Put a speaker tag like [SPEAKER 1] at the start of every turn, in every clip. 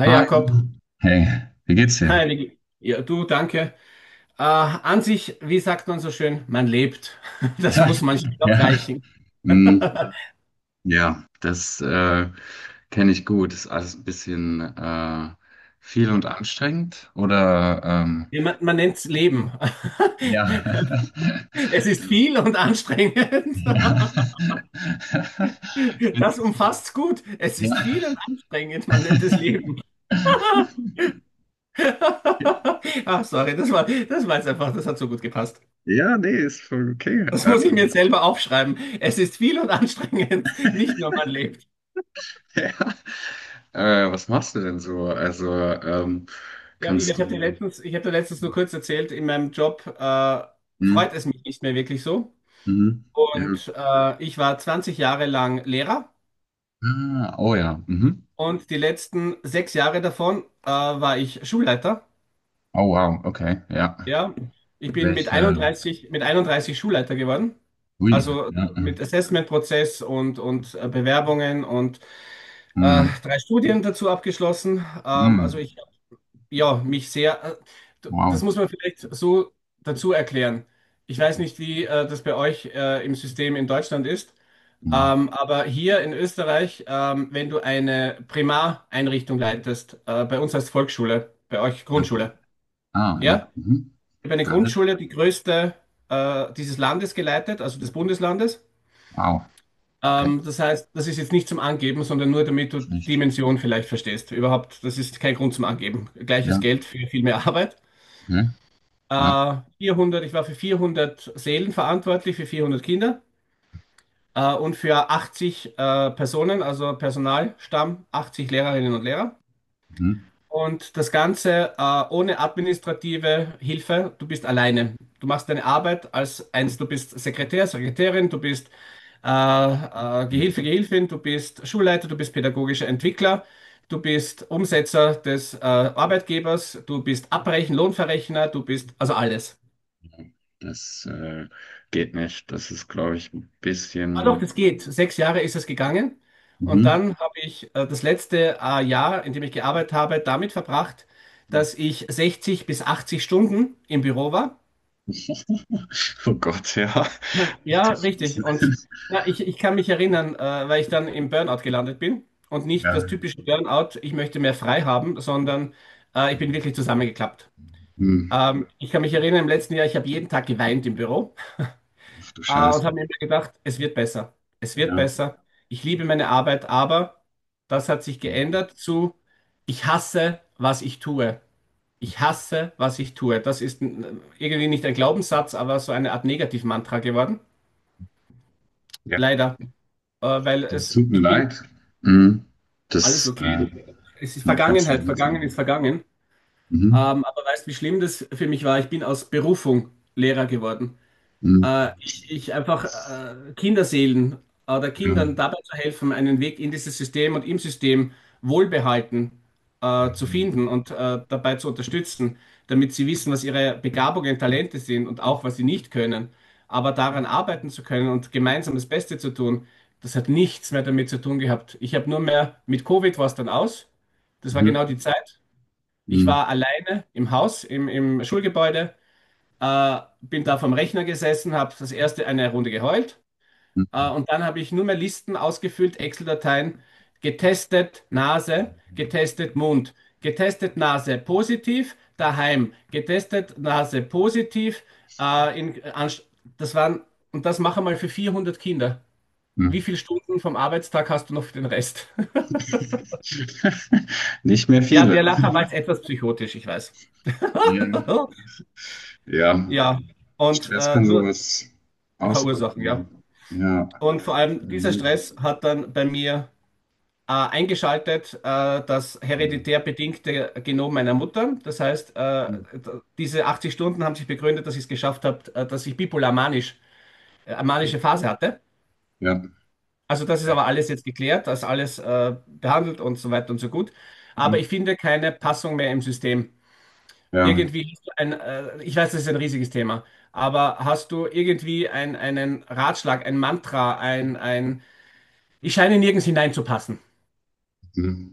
[SPEAKER 1] Hi
[SPEAKER 2] Hi.
[SPEAKER 1] Jakob.
[SPEAKER 2] Hey, wie geht's dir?
[SPEAKER 1] Hi Niki. Ja, du, danke. An sich, wie sagt man so schön, man lebt. Das
[SPEAKER 2] Ja,
[SPEAKER 1] muss manchmal auch
[SPEAKER 2] ja.
[SPEAKER 1] reichen.
[SPEAKER 2] Hm, ja, das kenne ich gut. Ist alles ein bisschen viel und anstrengend, oder?
[SPEAKER 1] Ja, man nennt es Leben.
[SPEAKER 2] Ja.
[SPEAKER 1] Es ist
[SPEAKER 2] Das,
[SPEAKER 1] viel und
[SPEAKER 2] ja.
[SPEAKER 1] anstrengend.
[SPEAKER 2] Ich find
[SPEAKER 1] Das
[SPEAKER 2] das,
[SPEAKER 1] umfasst gut. Es ist
[SPEAKER 2] ja.
[SPEAKER 1] viel und anstrengend. Man nennt es Leben. Ach, sorry, das war jetzt einfach, das hat so gut gepasst.
[SPEAKER 2] Ja, nee, ist voll okay.
[SPEAKER 1] Das muss ich mir jetzt selber aufschreiben. Es ist viel und anstrengend. Nicht nur man lebt.
[SPEAKER 2] Ja. Was machst du denn so? Also, ähm,
[SPEAKER 1] Ja,
[SPEAKER 2] kannst
[SPEAKER 1] ich habe dir
[SPEAKER 2] du.
[SPEAKER 1] letztens, ich habe dir letztens nur kurz erzählt, in meinem Job
[SPEAKER 2] Hm?
[SPEAKER 1] freut es mich nicht mehr wirklich so.
[SPEAKER 2] Mhm.
[SPEAKER 1] Und
[SPEAKER 2] Ja.
[SPEAKER 1] ich war 20 Jahre lang Lehrer
[SPEAKER 2] Ah, oh ja. Mhm.
[SPEAKER 1] und die letzten 6 Jahre davon war ich Schulleiter.
[SPEAKER 2] Oh wow, okay, ja.
[SPEAKER 1] Ja, ich bin mit
[SPEAKER 2] Welche?
[SPEAKER 1] einunddreißig mit einunddreißig Schulleiter geworden.
[SPEAKER 2] Ui,
[SPEAKER 1] Also
[SPEAKER 2] ja.
[SPEAKER 1] mit Assessment-Prozess und Bewerbungen und
[SPEAKER 2] Mhm.
[SPEAKER 1] drei Studien dazu abgeschlossen. Also
[SPEAKER 2] Mhm.
[SPEAKER 1] ich ja, mich sehr, das
[SPEAKER 2] Wow.
[SPEAKER 1] muss man vielleicht so dazu erklären. Ich weiß nicht, wie das bei euch im System in Deutschland ist,
[SPEAKER 2] Mhm.
[SPEAKER 1] aber hier in Österreich, wenn du eine Primareinrichtung leitest, bei uns heißt Volksschule, bei euch
[SPEAKER 2] Ja.
[SPEAKER 1] Grundschule,
[SPEAKER 2] Ah, ja.
[SPEAKER 1] ja?
[SPEAKER 2] Mhm.
[SPEAKER 1] Ich habe eine
[SPEAKER 2] Got it.
[SPEAKER 1] Grundschule, die größte dieses Landes geleitet, also des Bundeslandes.
[SPEAKER 2] Wow. Okay.
[SPEAKER 1] Das heißt, das ist jetzt nicht zum Angeben, sondern nur damit du die
[SPEAKER 2] Schlecht.
[SPEAKER 1] Dimension vielleicht verstehst. Überhaupt, das ist kein Grund zum Angeben. Gleiches
[SPEAKER 2] Ja,
[SPEAKER 1] Geld für viel mehr Arbeit.
[SPEAKER 2] okay. Ja.
[SPEAKER 1] 400, ich war für 400 Seelen verantwortlich, für 400 Kinder und für 80 Personen, also Personalstamm, 80 Lehrerinnen und Lehrer.
[SPEAKER 2] Mhm.
[SPEAKER 1] Und das Ganze ohne administrative Hilfe. Du bist alleine. Du machst deine Arbeit als eins. Du bist Sekretär, Sekretärin, du bist
[SPEAKER 2] Mhm.
[SPEAKER 1] Gehilfe, Gehilfin, du bist Schulleiter, du bist pädagogischer Entwickler, du bist Umsetzer des Arbeitgebers, du bist Abrechen, Lohnverrechner, du bist also alles.
[SPEAKER 2] Das geht nicht. Das ist, glaube ich, ein
[SPEAKER 1] Ah doch,
[SPEAKER 2] bisschen.
[SPEAKER 1] das geht. 6 Jahre ist es gegangen. Und
[SPEAKER 2] Mhm.
[SPEAKER 1] dann habe ich das letzte Jahr, in dem ich gearbeitet habe, damit verbracht, dass ich 60 bis 80 Stunden im Büro war.
[SPEAKER 2] Oh Gott, ja. Ach
[SPEAKER 1] Ja,
[SPEAKER 2] du Scheiße.
[SPEAKER 1] richtig. Und ja, ich kann mich erinnern, weil ich dann im Burnout gelandet bin. Und nicht das
[SPEAKER 2] Ja.
[SPEAKER 1] typische Burnout, ich möchte mehr frei haben, sondern ich bin wirklich zusammengeklappt.
[SPEAKER 2] Mhm.
[SPEAKER 1] Ich kann mich erinnern, im letzten Jahr, ich habe jeden Tag geweint im Büro.
[SPEAKER 2] Ach du
[SPEAKER 1] Ah, und
[SPEAKER 2] Scheiße.
[SPEAKER 1] habe mir immer gedacht, es wird besser. Es wird
[SPEAKER 2] Ja.
[SPEAKER 1] besser. Ich liebe meine Arbeit, aber das hat sich
[SPEAKER 2] Mhm.
[SPEAKER 1] geändert zu, ich hasse, was ich tue. Ich hasse, was ich tue. Das ist irgendwie nicht ein Glaubenssatz, aber so eine Art Negativmantra geworden.
[SPEAKER 2] Ja.
[SPEAKER 1] Leider. Weil
[SPEAKER 2] Das
[SPEAKER 1] es,
[SPEAKER 2] tut mir
[SPEAKER 1] ich bin
[SPEAKER 2] leid. Mhm.
[SPEAKER 1] alles
[SPEAKER 2] Das,
[SPEAKER 1] okay. Es ist
[SPEAKER 2] noch ganz
[SPEAKER 1] Vergangenheit.
[SPEAKER 2] schön
[SPEAKER 1] Vergangen
[SPEAKER 2] langsam.
[SPEAKER 1] ist vergangen.
[SPEAKER 2] Mhm.
[SPEAKER 1] Aber weißt du, wie schlimm das für mich war? Ich bin aus Berufung Lehrer geworden.
[SPEAKER 2] Mhm.
[SPEAKER 1] Ich einfach Kinderseelen oder
[SPEAKER 2] Ja.
[SPEAKER 1] Kindern dabei zu helfen, einen Weg in dieses System und im System wohlbehalten zu finden
[SPEAKER 2] Mhm.
[SPEAKER 1] und dabei zu unterstützen, damit sie wissen, was ihre Begabungen, Talente sind und auch, was sie nicht können. Aber daran arbeiten zu können und gemeinsam das Beste zu tun, das hat nichts mehr damit zu tun gehabt. Ich habe nur mehr, mit Covid war es dann aus. Das war genau die
[SPEAKER 2] Mhm.
[SPEAKER 1] Zeit. Ich
[SPEAKER 2] Mhm.
[SPEAKER 1] war alleine im Haus, im Schulgebäude. Bin da vom Rechner gesessen, habe das erste eine Runde geheult
[SPEAKER 2] Mhm.
[SPEAKER 1] und dann habe ich nur mehr Listen ausgefüllt, Excel-Dateien, getestet Nase, getestet Mund, getestet Nase positiv, daheim, getestet Nase positiv. In, das waren, und das mache mal für 400 Kinder. Wie viele Stunden vom Arbeitstag hast du noch für den Rest?
[SPEAKER 2] Nicht mehr
[SPEAKER 1] Ja,
[SPEAKER 2] viele.
[SPEAKER 1] der Lacher war
[SPEAKER 2] Mhm.
[SPEAKER 1] jetzt etwas psychotisch, ich weiß.
[SPEAKER 2] Ja. Ja.
[SPEAKER 1] Ja, und
[SPEAKER 2] Stress kann
[SPEAKER 1] nur
[SPEAKER 2] sowas
[SPEAKER 1] verursachen, ja.
[SPEAKER 2] auswirken. Ja.
[SPEAKER 1] Und vor allem dieser
[SPEAKER 2] Mhm.
[SPEAKER 1] Stress hat dann bei mir eingeschaltet das
[SPEAKER 2] Mhm.
[SPEAKER 1] hereditär bedingte Genom meiner Mutter. Das heißt, diese 80 Stunden haben sich begründet, dass ich es geschafft habe, dass ich bipolar manisch, manische Phase hatte.
[SPEAKER 2] Ja.
[SPEAKER 1] Also das ist
[SPEAKER 2] Ja.
[SPEAKER 1] aber alles jetzt geklärt, das ist alles behandelt und so weiter und so gut. Aber
[SPEAKER 2] Mhm.
[SPEAKER 1] ich finde keine Passung mehr im System.
[SPEAKER 2] Ja.
[SPEAKER 1] Irgendwie hast du ein, ich weiß, das ist ein riesiges Thema, aber hast du irgendwie einen Ratschlag, ein Mantra, ich scheine nirgends hineinzupassen.
[SPEAKER 2] Mhm.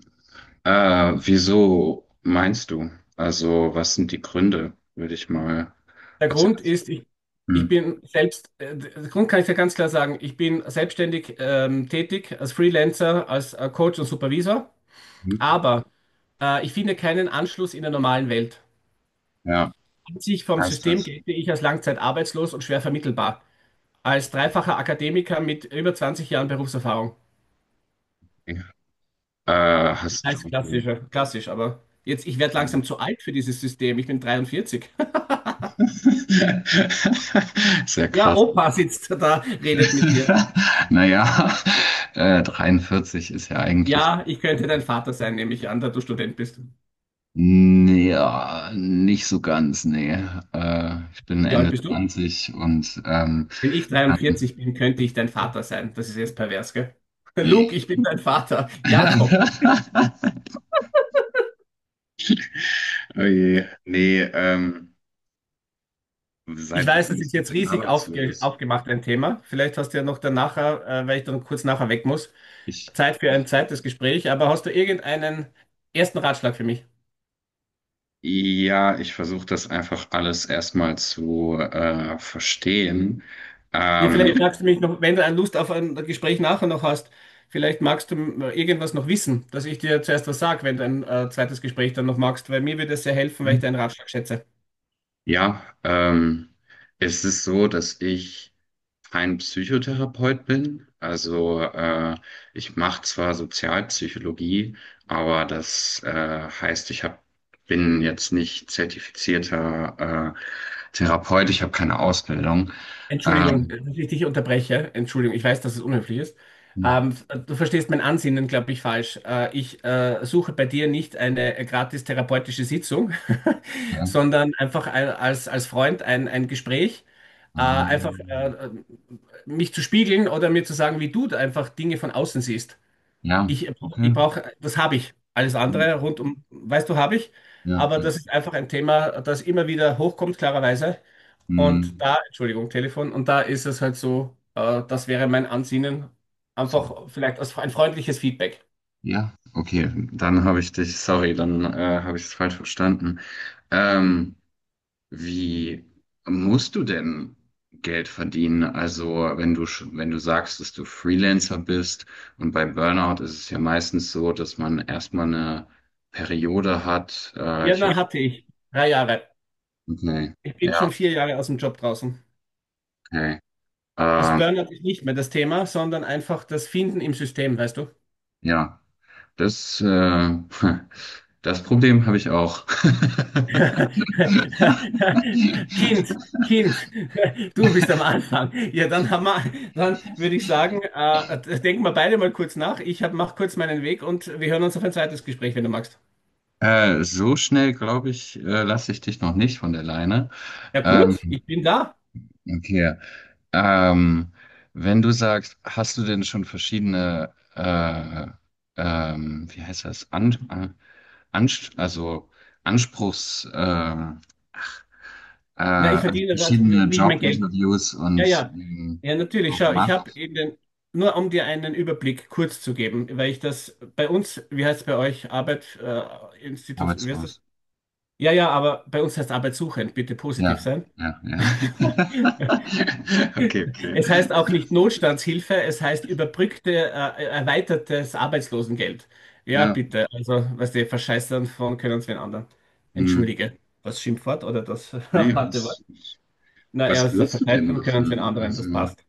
[SPEAKER 2] Wieso meinst du? Also, was sind die Gründe, würde ich mal
[SPEAKER 1] Der
[SPEAKER 2] als
[SPEAKER 1] Grund
[SPEAKER 2] erstes.
[SPEAKER 1] ist, ich bin selbst, der Grund kann ich ja ganz klar sagen, ich bin selbstständig tätig als Freelancer, als Coach und Supervisor,
[SPEAKER 2] Hm?
[SPEAKER 1] aber ich finde keinen Anschluss in der normalen Welt.
[SPEAKER 2] Ja,
[SPEAKER 1] An sich vom
[SPEAKER 2] heißt
[SPEAKER 1] System
[SPEAKER 2] das.
[SPEAKER 1] gelte ich als langzeitarbeitslos und schwer vermittelbar, als dreifacher Akademiker mit über 20 Jahren Berufserfahrung.
[SPEAKER 2] Okay.
[SPEAKER 1] Ich
[SPEAKER 2] Hast
[SPEAKER 1] weiß, klassisch,
[SPEAKER 2] du.
[SPEAKER 1] ja, klassisch, aber jetzt, ich werde
[SPEAKER 2] Ähm,
[SPEAKER 1] langsam zu alt für dieses System, ich bin 43.
[SPEAKER 2] sehr
[SPEAKER 1] Ja,
[SPEAKER 2] krass.
[SPEAKER 1] Opa sitzt da, redet mit dir.
[SPEAKER 2] Naja, 43 ist ja eigentlich.
[SPEAKER 1] Ja, ich könnte dein
[SPEAKER 2] ähm,
[SPEAKER 1] Vater sein, nehme ich an, da du Student bist.
[SPEAKER 2] Nee, ja, nicht so ganz, nee. Ich bin
[SPEAKER 1] Wie alt
[SPEAKER 2] Ende
[SPEAKER 1] bist du?
[SPEAKER 2] 20 und
[SPEAKER 1] Wenn ich
[SPEAKER 2] dann.
[SPEAKER 1] 43 bin, könnte ich dein Vater sein. Das ist jetzt pervers, gell? Luke,
[SPEAKER 2] Nee.
[SPEAKER 1] ich bin dein Vater. Jakob.
[SPEAKER 2] Oh je. Nee,
[SPEAKER 1] Ich
[SPEAKER 2] seit wann
[SPEAKER 1] weiß, das ist
[SPEAKER 2] bist du
[SPEAKER 1] jetzt
[SPEAKER 2] denn
[SPEAKER 1] riesig aufge
[SPEAKER 2] arbeitslos?
[SPEAKER 1] aufgemacht, ein Thema. Vielleicht hast du ja noch danach, weil ich dann kurz nachher weg muss,
[SPEAKER 2] Ich.
[SPEAKER 1] Zeit für ein zweites Gespräch. Aber hast du irgendeinen ersten Ratschlag für mich?
[SPEAKER 2] Ja, ich versuche das einfach alles erstmal zu verstehen.
[SPEAKER 1] Ja,
[SPEAKER 2] Ja.
[SPEAKER 1] vielleicht magst du mich noch, wenn du Lust auf ein Gespräch nachher noch hast, vielleicht magst du irgendwas noch wissen, dass ich dir zuerst was sage, wenn du ein zweites Gespräch dann noch magst, weil mir würde es sehr helfen, weil ich
[SPEAKER 2] Ähm,
[SPEAKER 1] deinen Ratschlag schätze.
[SPEAKER 2] ja, es ist so, dass ich kein Psychotherapeut bin. Also ich mache zwar Sozialpsychologie, aber das heißt, ich hab, bin jetzt nicht zertifizierter Therapeut, ich habe keine Ausbildung.
[SPEAKER 1] Entschuldigung,
[SPEAKER 2] Ähm,
[SPEAKER 1] dass ich dich unterbreche. Entschuldigung, ich weiß, dass es unhöflich ist. Ähm, Du verstehst mein Ansinnen, glaube ich, falsch. Ich suche bei dir nicht eine gratis therapeutische Sitzung,
[SPEAKER 2] ja,
[SPEAKER 1] sondern einfach ein, als Freund ein Gespräch, einfach
[SPEAKER 2] ähm,
[SPEAKER 1] mich zu spiegeln oder mir zu sagen, wie du da einfach Dinge von außen siehst.
[SPEAKER 2] ja,
[SPEAKER 1] Ich,
[SPEAKER 2] okay.
[SPEAKER 1] ich brauche, das habe ich. Alles andere rund um, weißt du, habe ich.
[SPEAKER 2] Ja,
[SPEAKER 1] Aber
[SPEAKER 2] ja.
[SPEAKER 1] das ist einfach ein Thema, das immer wieder hochkommt, klarerweise. Und
[SPEAKER 2] Hm.
[SPEAKER 1] da, Entschuldigung, Telefon, und da ist es halt so, das wäre mein Ansinnen,
[SPEAKER 2] So.
[SPEAKER 1] einfach vielleicht als ein freundliches Feedback.
[SPEAKER 2] Ja, okay, dann habe ich dich, sorry, dann habe ich es falsch verstanden. Ähm, wie musst du denn Geld verdienen? Also, wenn du, wenn du sagst, dass du Freelancer bist und bei Burnout ist es ja meistens so, dass man erstmal eine Periode hat. Ich habe,
[SPEAKER 1] Birner hatte ich 3 Jahre.
[SPEAKER 2] okay,
[SPEAKER 1] Ich bin
[SPEAKER 2] ja,
[SPEAKER 1] schon 4 Jahre aus dem Job draußen.
[SPEAKER 2] okay.
[SPEAKER 1] Also
[SPEAKER 2] Ähm,
[SPEAKER 1] Burnout ist nicht mehr das Thema, sondern einfach das Finden im System, weißt du?
[SPEAKER 2] ja, das, das Problem habe ich auch.
[SPEAKER 1] Kind, Kind, du bist am Anfang. Ja, dann haben wir, dann würde ich sagen, denken wir beide mal kurz nach. Ich hab, mach kurz meinen Weg und wir hören uns auf ein zweites Gespräch, wenn du magst.
[SPEAKER 2] So schnell, glaube ich, lasse ich dich noch nicht von der Leine.
[SPEAKER 1] Ja
[SPEAKER 2] Ähm,
[SPEAKER 1] gut, ich bin da.
[SPEAKER 2] okay. Ähm, wenn du sagst, hast du denn schon verschiedene, wie heißt das, An Ans also Anspruchs,
[SPEAKER 1] Na, ich
[SPEAKER 2] also
[SPEAKER 1] verdiene gerade,
[SPEAKER 2] verschiedene
[SPEAKER 1] wie ich mein Geld.
[SPEAKER 2] Jobinterviews
[SPEAKER 1] Ja,
[SPEAKER 2] und
[SPEAKER 1] ja. Ja, natürlich.
[SPEAKER 2] so
[SPEAKER 1] Schau, ich habe
[SPEAKER 2] gemacht?
[SPEAKER 1] in den, nur um dir einen Überblick kurz zu geben, weil ich das bei uns, wie heißt es bei euch, Arbeit, Institut, wie heißt
[SPEAKER 2] Arbeitslos.
[SPEAKER 1] das? Ja, ja, aber bei uns heißt arbeitssuchend, bitte positiv
[SPEAKER 2] Ja,
[SPEAKER 1] sein.
[SPEAKER 2] ja, ja. Okay, okay.
[SPEAKER 1] Es heißt auch nicht Notstandshilfe, es heißt überbrückte, erweitertes Arbeitslosengeld. Ja,
[SPEAKER 2] Ja,
[SPEAKER 1] bitte. Also, was die verscheißern von können uns wen anderen.
[SPEAKER 2] hm.
[SPEAKER 1] Entschuldige. Das Schimpfwort oder das
[SPEAKER 2] Nee,
[SPEAKER 1] harte Wort.
[SPEAKER 2] ich,
[SPEAKER 1] Na,
[SPEAKER 2] was
[SPEAKER 1] erster
[SPEAKER 2] willst du denn
[SPEAKER 1] verteidigen können, wenn
[SPEAKER 2] machen?
[SPEAKER 1] anderen das
[SPEAKER 2] Also,
[SPEAKER 1] passt.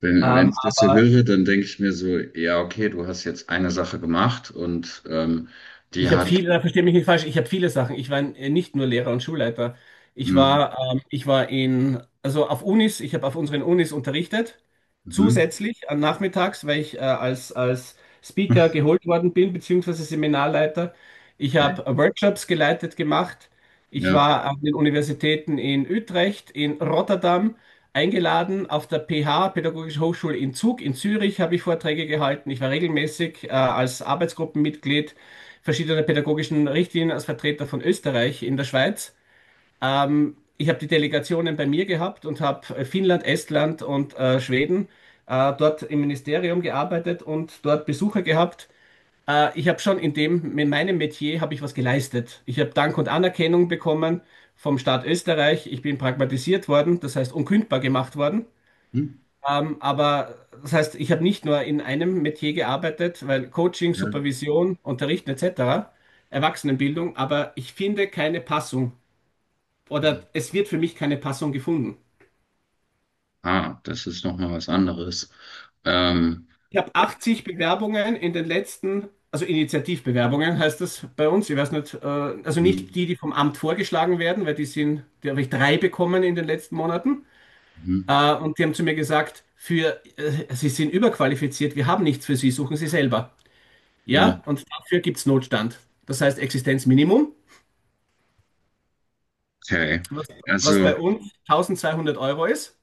[SPEAKER 2] wenn, wenn
[SPEAKER 1] Ähm,
[SPEAKER 2] ich das so
[SPEAKER 1] aber
[SPEAKER 2] höre, dann denke ich mir so, ja, okay, du hast jetzt eine Sache gemacht und die
[SPEAKER 1] ich habe
[SPEAKER 2] hat,
[SPEAKER 1] viele. Da verstehe mich nicht falsch, ich habe viele Sachen. Ich war nicht nur Lehrer und Schulleiter. Ich
[SPEAKER 2] hm,
[SPEAKER 1] war, ähm, ich war in, also auf Unis, ich habe auf unseren Unis unterrichtet,
[SPEAKER 2] mhm,
[SPEAKER 1] zusätzlich an nachmittags, weil ich als Speaker geholt worden bin, beziehungsweise Seminarleiter. Ich
[SPEAKER 2] okay,
[SPEAKER 1] habe Workshops geleitet gemacht. Ich
[SPEAKER 2] ja,
[SPEAKER 1] war an den Universitäten in Utrecht, in Rotterdam eingeladen, auf der PH, Pädagogische Hochschule in Zug, in Zürich habe ich Vorträge gehalten. Ich war regelmäßig als Arbeitsgruppenmitglied verschiedene pädagogischen Richtlinien als Vertreter von Österreich in der Schweiz. Ich habe die Delegationen bei mir gehabt und habe Finnland, Estland und Schweden dort im Ministerium gearbeitet und dort Besucher gehabt. Ich habe schon in dem, in meinem Metier habe ich was geleistet. Ich habe Dank und Anerkennung bekommen vom Staat Österreich. Ich bin pragmatisiert worden, das heißt unkündbar gemacht worden.
[SPEAKER 2] hm,
[SPEAKER 1] Aber das heißt, ich habe nicht nur in einem Metier gearbeitet, weil Coaching,
[SPEAKER 2] ja,
[SPEAKER 1] Supervision, Unterrichten etc., Erwachsenenbildung, aber ich finde keine Passung
[SPEAKER 2] hm.
[SPEAKER 1] oder es wird für mich keine Passung gefunden.
[SPEAKER 2] Ah, das ist nochmal was anderes. Ähm,
[SPEAKER 1] Ich habe 80 Bewerbungen in den letzten, also Initiativbewerbungen heißt das bei uns, ich weiß nicht, also nicht
[SPEAKER 2] hm,
[SPEAKER 1] die, die vom Amt vorgeschlagen werden, weil die sind, die habe ich drei bekommen in den letzten Monaten.
[SPEAKER 2] mhm,
[SPEAKER 1] Und die haben zu mir gesagt, Sie sind überqualifiziert, wir haben nichts für Sie, suchen Sie selber.
[SPEAKER 2] ja,
[SPEAKER 1] Ja, und dafür gibt es Notstand. Das heißt Existenzminimum,
[SPEAKER 2] okay.
[SPEAKER 1] was, was
[SPEAKER 2] Also,
[SPEAKER 1] bei uns 1.200 Euro ist.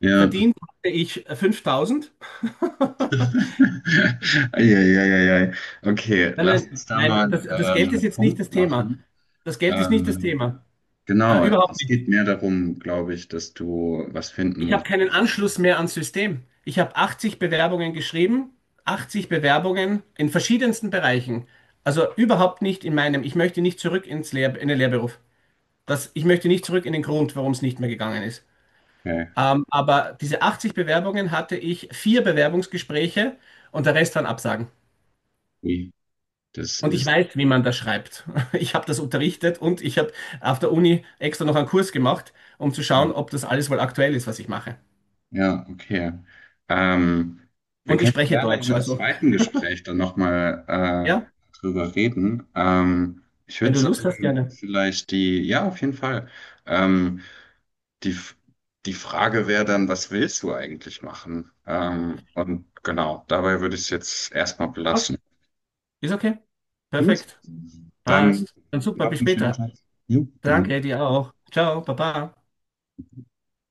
[SPEAKER 2] ja.
[SPEAKER 1] Verdient hatte ich 5.000.
[SPEAKER 2] Eieieiei. Okay,
[SPEAKER 1] Nein,
[SPEAKER 2] lass
[SPEAKER 1] nein,
[SPEAKER 2] uns da
[SPEAKER 1] nein,
[SPEAKER 2] mal
[SPEAKER 1] das Geld ist
[SPEAKER 2] einen
[SPEAKER 1] jetzt nicht
[SPEAKER 2] Punkt
[SPEAKER 1] das Thema.
[SPEAKER 2] machen.
[SPEAKER 1] Das Geld ist nicht das
[SPEAKER 2] Ähm,
[SPEAKER 1] Thema.
[SPEAKER 2] Genau,
[SPEAKER 1] Überhaupt
[SPEAKER 2] es
[SPEAKER 1] nicht.
[SPEAKER 2] geht mehr darum, glaube ich, dass du was finden
[SPEAKER 1] Ich habe
[SPEAKER 2] musst.
[SPEAKER 1] keinen Anschluss mehr ans System. Ich habe 80 Bewerbungen geschrieben, 80 Bewerbungen in verschiedensten Bereichen. Also überhaupt nicht in meinem. Ich möchte nicht zurück ins Lehr in den Lehrberuf. Das, ich möchte nicht zurück in den Grund, warum es nicht mehr gegangen ist.
[SPEAKER 2] Okay,
[SPEAKER 1] Aber diese 80 Bewerbungen hatte ich vier Bewerbungsgespräche und der Rest waren Absagen.
[SPEAKER 2] wie das
[SPEAKER 1] Und ich
[SPEAKER 2] ist.
[SPEAKER 1] weiß, wie man das schreibt. Ich habe das unterrichtet und ich habe auf der Uni extra noch einen Kurs gemacht, um zu schauen,
[SPEAKER 2] Ja,
[SPEAKER 1] ob das alles wohl aktuell ist, was ich mache.
[SPEAKER 2] ja okay. Ähm, wir
[SPEAKER 1] Und ich
[SPEAKER 2] können
[SPEAKER 1] spreche
[SPEAKER 2] gerne in
[SPEAKER 1] Deutsch.
[SPEAKER 2] einem
[SPEAKER 1] Also,
[SPEAKER 2] zweiten Gespräch dann nochmal
[SPEAKER 1] ja,
[SPEAKER 2] drüber reden. Ich
[SPEAKER 1] wenn
[SPEAKER 2] würde
[SPEAKER 1] du Lust hast,
[SPEAKER 2] sagen,
[SPEAKER 1] gerne.
[SPEAKER 2] vielleicht die, ja, auf jeden Fall. Ähm, die, die Frage wäre dann, was willst du eigentlich machen? Und genau, dabei würde ich es jetzt erstmal belassen.
[SPEAKER 1] Passt. Ist okay.
[SPEAKER 2] Gut,
[SPEAKER 1] Perfekt.
[SPEAKER 2] dann
[SPEAKER 1] Passt. Dann super,
[SPEAKER 2] noch
[SPEAKER 1] bis
[SPEAKER 2] einen schönen
[SPEAKER 1] später.
[SPEAKER 2] Tag. Jo, genau.
[SPEAKER 1] Danke, dir auch. Ciao, Baba.